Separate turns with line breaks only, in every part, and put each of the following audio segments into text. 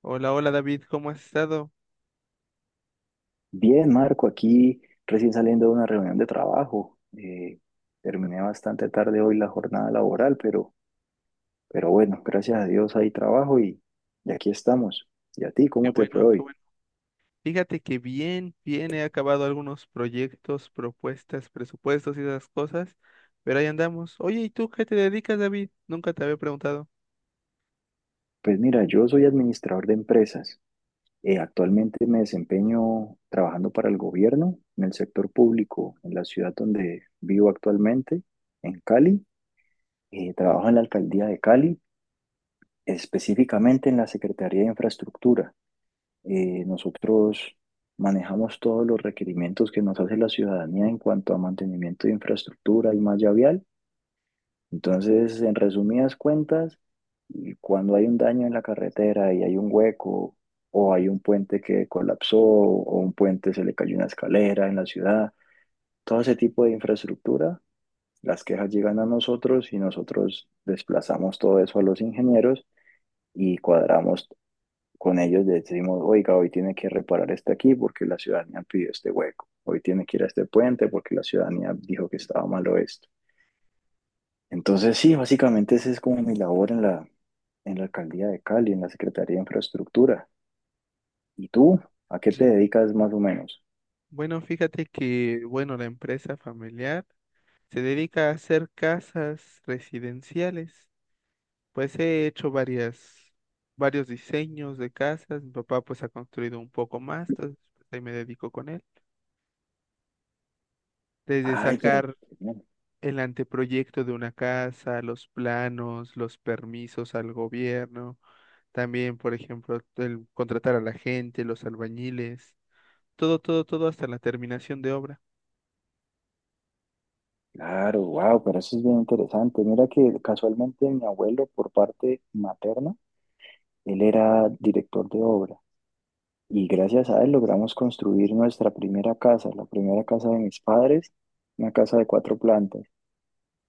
Hola, hola David, ¿cómo has estado?
Bien, Marco, aquí recién saliendo de una reunión de trabajo. Terminé bastante tarde hoy la jornada laboral, pero bueno, gracias a Dios hay trabajo y aquí estamos. ¿Y a ti,
Qué
cómo te fue
bueno, qué
hoy?
bueno. Fíjate que bien, bien, he acabado algunos proyectos, propuestas, presupuestos y esas cosas, pero ahí andamos. Oye, ¿y tú qué te dedicas, David? Nunca te había preguntado.
Pues mira, yo soy administrador de empresas. Actualmente me desempeño trabajando para el gobierno en el sector público, en la ciudad donde vivo actualmente, en Cali. Trabajo en la alcaldía de Cali, específicamente en la Secretaría de Infraestructura. Nosotros manejamos todos los requerimientos que nos hace la ciudadanía en cuanto a mantenimiento de infraestructura y malla vial. Entonces, en resumidas cuentas, y cuando hay un daño en la carretera y hay un hueco o hay un puente que colapsó o un puente se le cayó una escalera en la ciudad, todo ese tipo de infraestructura, las quejas llegan a nosotros y nosotros desplazamos todo eso a los ingenieros y cuadramos con ellos decimos, oiga, hoy tiene que reparar este aquí porque la ciudadanía pidió este hueco, hoy tiene que ir a este puente porque la ciudadanía dijo que estaba malo esto. Entonces, sí, básicamente esa es como mi labor en la, alcaldía de Cali, en la Secretaría de Infraestructura. ¿Y
Ok.
tú? ¿A qué te dedicas más o menos?
Bueno, fíjate que, bueno, la empresa familiar se dedica a hacer casas residenciales. Pues he hecho varias, varios diseños de casas. Mi papá pues ha construido un poco más, entonces pues, ahí me dedico con él desde
Ay, pero
sacar
bueno,
el anteproyecto de una casa, los planos, los permisos al gobierno, también, por ejemplo, el contratar a la gente, los albañiles, todo, todo, todo hasta la terminación de obra.
claro, wow, pero eso es bien interesante. Mira que casualmente mi abuelo por parte materna, él era director de obra. Y gracias a él logramos construir nuestra primera casa, la primera casa de mis padres, una casa de cuatro plantas.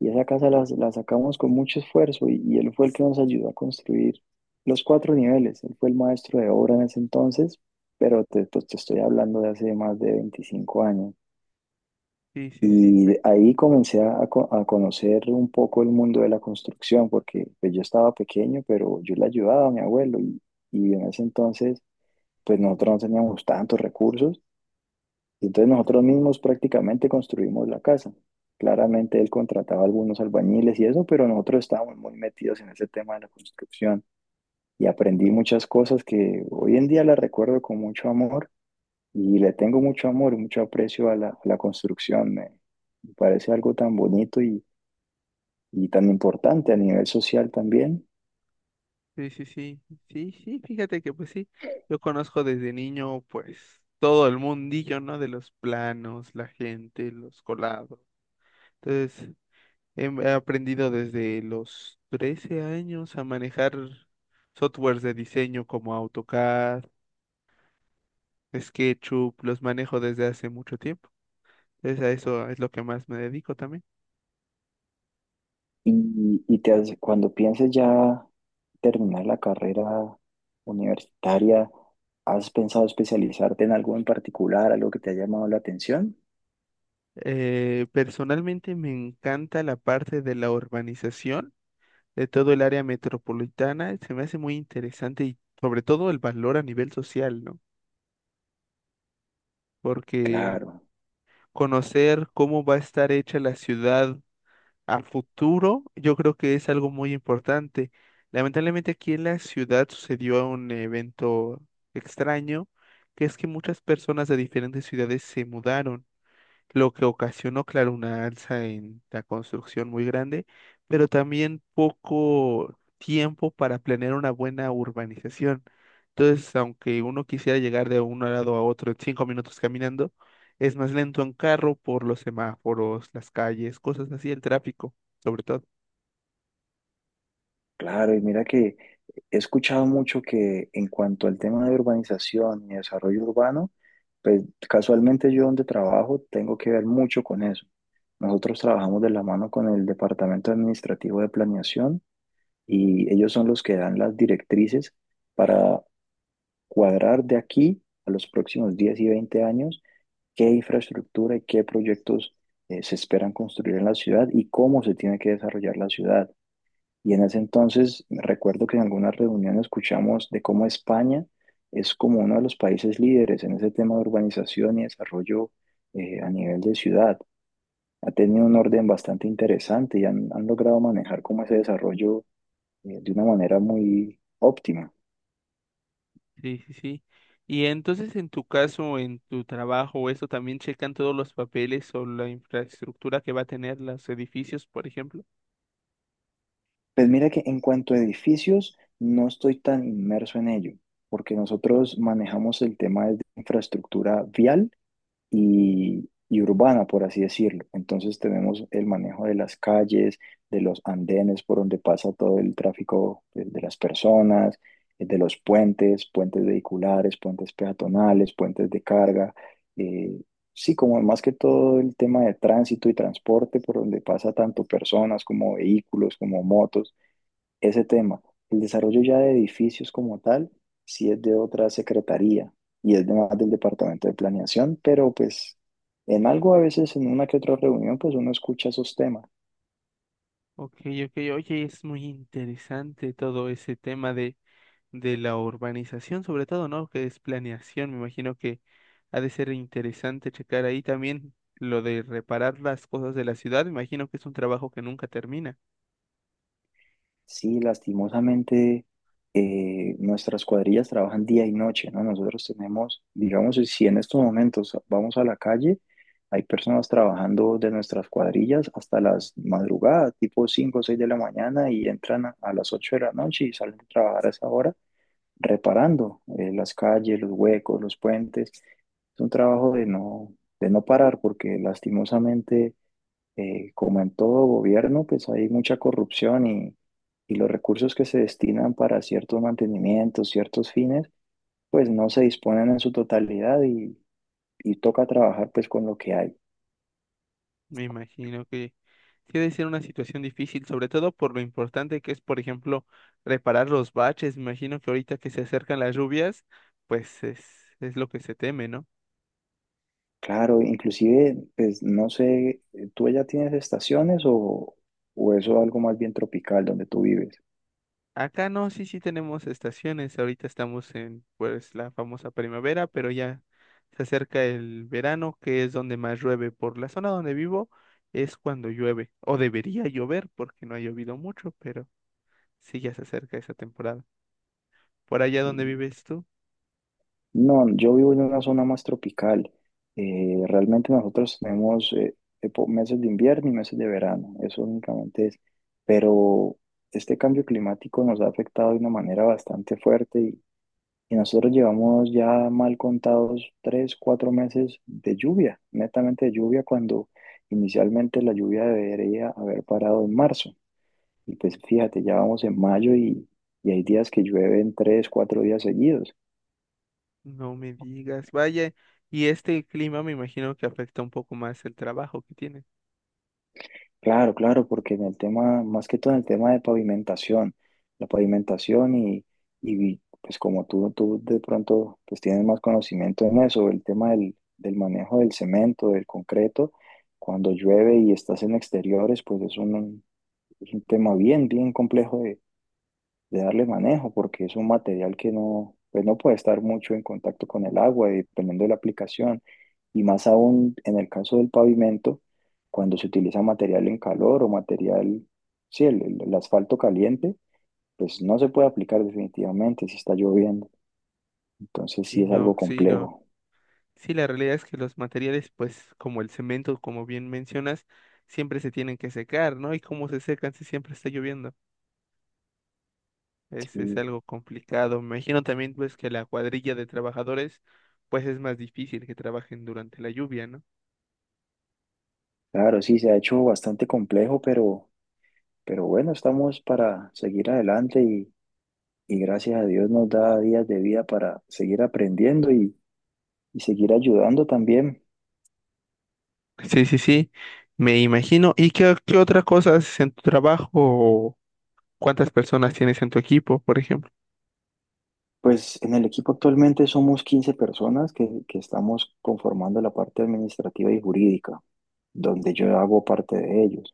Y esa casa la sacamos con mucho esfuerzo y él fue el que nos ayudó a construir los cuatro niveles. Él fue el maestro de obra en ese entonces, pero pues, te estoy hablando de hace más de 25 años.
Sí, sí, sí,
Y
pe-
de ahí comencé a conocer un poco el mundo de la construcción, porque pues, yo estaba pequeño, pero yo le ayudaba a mi abuelo y en ese entonces pues nosotros no teníamos tantos recursos. Y entonces nosotros mismos prácticamente construimos la casa. Claramente él contrataba algunos albañiles y eso, pero nosotros estábamos muy metidos en ese tema de la construcción y aprendí muchas cosas que hoy en día las recuerdo con mucho amor y le tengo mucho amor y mucho aprecio a la construcción. Me parece algo tan bonito y tan importante a nivel social también.
sí, sí, sí, sí, sí, fíjate que pues sí, yo conozco desde niño pues todo el mundillo, ¿no? De los planos, la gente, los colados. Entonces, he aprendido desde los 13 años a manejar softwares de diseño como AutoCAD, Es SketchUp, los manejo desde hace mucho tiempo. Entonces a eso es lo que más me dedico también.
Y cuando pienses ya terminar la carrera universitaria, ¿has pensado especializarte en algo en particular, algo que te ha llamado la atención?
Personalmente me encanta la parte de la urbanización de todo el área metropolitana. Se me hace muy interesante y sobre todo el valor a nivel social, ¿no? Porque
Claro,
conocer cómo va a estar hecha la ciudad a futuro, yo creo que es algo muy importante. Lamentablemente aquí en la ciudad sucedió un evento extraño, que es que muchas personas de diferentes ciudades se mudaron lo que ocasionó, claro, una alza en la construcción muy grande, pero también poco tiempo para planear una buena urbanización. Entonces, aunque uno quisiera llegar de un lado a otro en 5 minutos caminando, es más lento en carro por los semáforos, las calles, cosas así, el tráfico, sobre todo.
claro. Y mira que he escuchado mucho que en cuanto al tema de urbanización y desarrollo urbano, pues casualmente yo donde trabajo tengo que ver mucho con eso. Nosotros trabajamos de la mano con el Departamento Administrativo de Planeación y ellos son los que dan las directrices para cuadrar de aquí a los próximos 10 y 20 años qué infraestructura y qué proyectos se esperan construir en la ciudad y cómo se tiene que desarrollar la ciudad. Y en ese entonces recuerdo que en algunas reuniones escuchamos de cómo España es como uno de los países líderes en ese tema de urbanización y desarrollo a nivel de ciudad. Ha tenido un orden bastante interesante y han logrado manejar como ese desarrollo de una manera muy óptima.
Sí, sí, sí. Y entonces, en tu caso, en tu trabajo, eso también checan todos los papeles o la infraestructura que va a tener los edificios, por ejemplo.
Pues mira que en cuanto a edificios, no estoy tan inmerso en ello, porque nosotros manejamos el tema de infraestructura vial y urbana, por así decirlo. Entonces tenemos el manejo de las calles, de los andenes por donde pasa todo el tráfico de las personas, de los puentes, puentes vehiculares, puentes peatonales, puentes de carga. eh, sí, como más que todo el tema de tránsito y transporte por donde pasa tanto personas como vehículos, como motos ese tema. El desarrollo ya de edificios como tal, sí es de otra secretaría y es de más del departamento de planeación, pero pues en algo a veces, en una que otra reunión, pues uno escucha esos temas.
Ok, ok, oye, es muy interesante todo ese tema de la urbanización, sobre todo, ¿no? Que es planeación, me imagino que ha de ser interesante checar ahí también lo de reparar las cosas de la ciudad, me imagino que es un trabajo que nunca termina,
Sí, lastimosamente nuestras cuadrillas trabajan día y noche, ¿no? Nosotros tenemos, digamos, si en estos momentos vamos a la calle, hay personas trabajando de nuestras cuadrillas hasta las madrugadas, tipo 5 o 6 de la mañana y entran a las 8 de la noche y salen a trabajar a esa hora reparando las calles, los huecos, los puentes. Es un trabajo de no, parar porque lastimosamente, como en todo gobierno, pues hay mucha corrupción y los recursos que se destinan para ciertos mantenimientos, ciertos fines, pues no se disponen en su totalidad y toca trabajar pues con lo que hay.
me imagino que sí ha de ser una situación difícil, sobre todo por lo importante que es, por ejemplo, reparar los baches, me imagino que ahorita que se acercan las lluvias, pues es lo que se teme, ¿no?
Claro, inclusive, pues no sé, ¿tú ya tienes estaciones o eso algo más bien tropical donde tú vives?
Acá no, sí, sí tenemos estaciones. Ahorita estamos en, pues, la famosa primavera, pero ya se acerca el verano, que es donde más llueve. Por la zona donde vivo es cuando llueve, o debería llover, porque no ha llovido mucho, pero sí ya se acerca esa temporada. Por allá donde vives tú,
No, yo vivo en una zona más tropical. Realmente nosotros tenemos meses de invierno y meses de verano, eso únicamente es. Pero este cambio climático nos ha afectado de una manera bastante fuerte y nosotros llevamos ya mal contados 3, 4 meses de lluvia, netamente de lluvia, cuando inicialmente la lluvia debería haber parado en marzo. Y pues fíjate, ya vamos en mayo y hay días que llueven 3, 4 días seguidos.
no me digas, vaya. Y este clima me imagino que afecta un poco más el trabajo que tienes.
Claro, claro, porque en el tema, más que todo en el tema de pavimentación, la pavimentación y pues como tú de pronto pues tienes más conocimiento en eso, el tema del manejo del cemento, del concreto, cuando llueve y estás en exteriores, pues es un, tema bien, bien complejo de darle manejo, porque es un material que no, pues no puede estar mucho en contacto con el agua, y dependiendo de la aplicación, y más aún en el caso del pavimento, cuando se utiliza material en calor o material, sí, el, el asfalto caliente, pues no se puede aplicar definitivamente si está lloviendo, entonces sí
Sí,
es
no,
algo
sí, no.
complejo.
Sí, la realidad es que los materiales, pues como el cemento, como bien mencionas, siempre se tienen que secar, ¿no? Y como se secan si siempre está lloviendo. Es
Sí,
algo complicado. Me imagino también, pues, que la cuadrilla de trabajadores, pues es más difícil que trabajen durante la lluvia, ¿no?
claro, sí, se ha hecho bastante complejo, pero bueno, estamos para seguir adelante Y gracias a Dios nos da días de vida para seguir aprendiendo y seguir ayudando también.
Sí, sí, sí, me imagino. ¿Y qué, qué otra cosa haces en tu trabajo o cuántas personas tienes en tu equipo, por ejemplo?
Pues en el equipo actualmente somos 15 personas que estamos conformando la parte administrativa y jurídica, donde yo hago parte de ellos.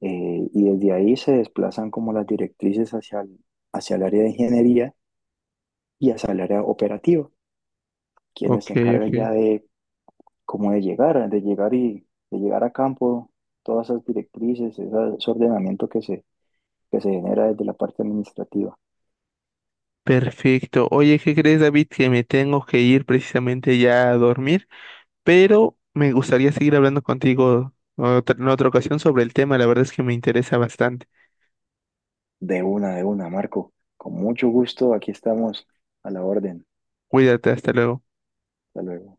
Y desde ahí se desplazan como las directrices hacia el, área de ingeniería y hacia el área operativa, quienes
Ok,
se
ok.
encargan ya de como de llegar, a campo todas esas directrices, ese ordenamiento que se, genera desde la parte administrativa.
Perfecto. Oye, ¿qué crees, David? Que me tengo que ir precisamente ya a dormir. Pero me gustaría seguir hablando contigo en otra ocasión sobre el tema, la verdad es que me interesa bastante.
De una, Marco. Con mucho gusto, aquí estamos a la orden.
Cuídate, hasta luego.
Hasta luego.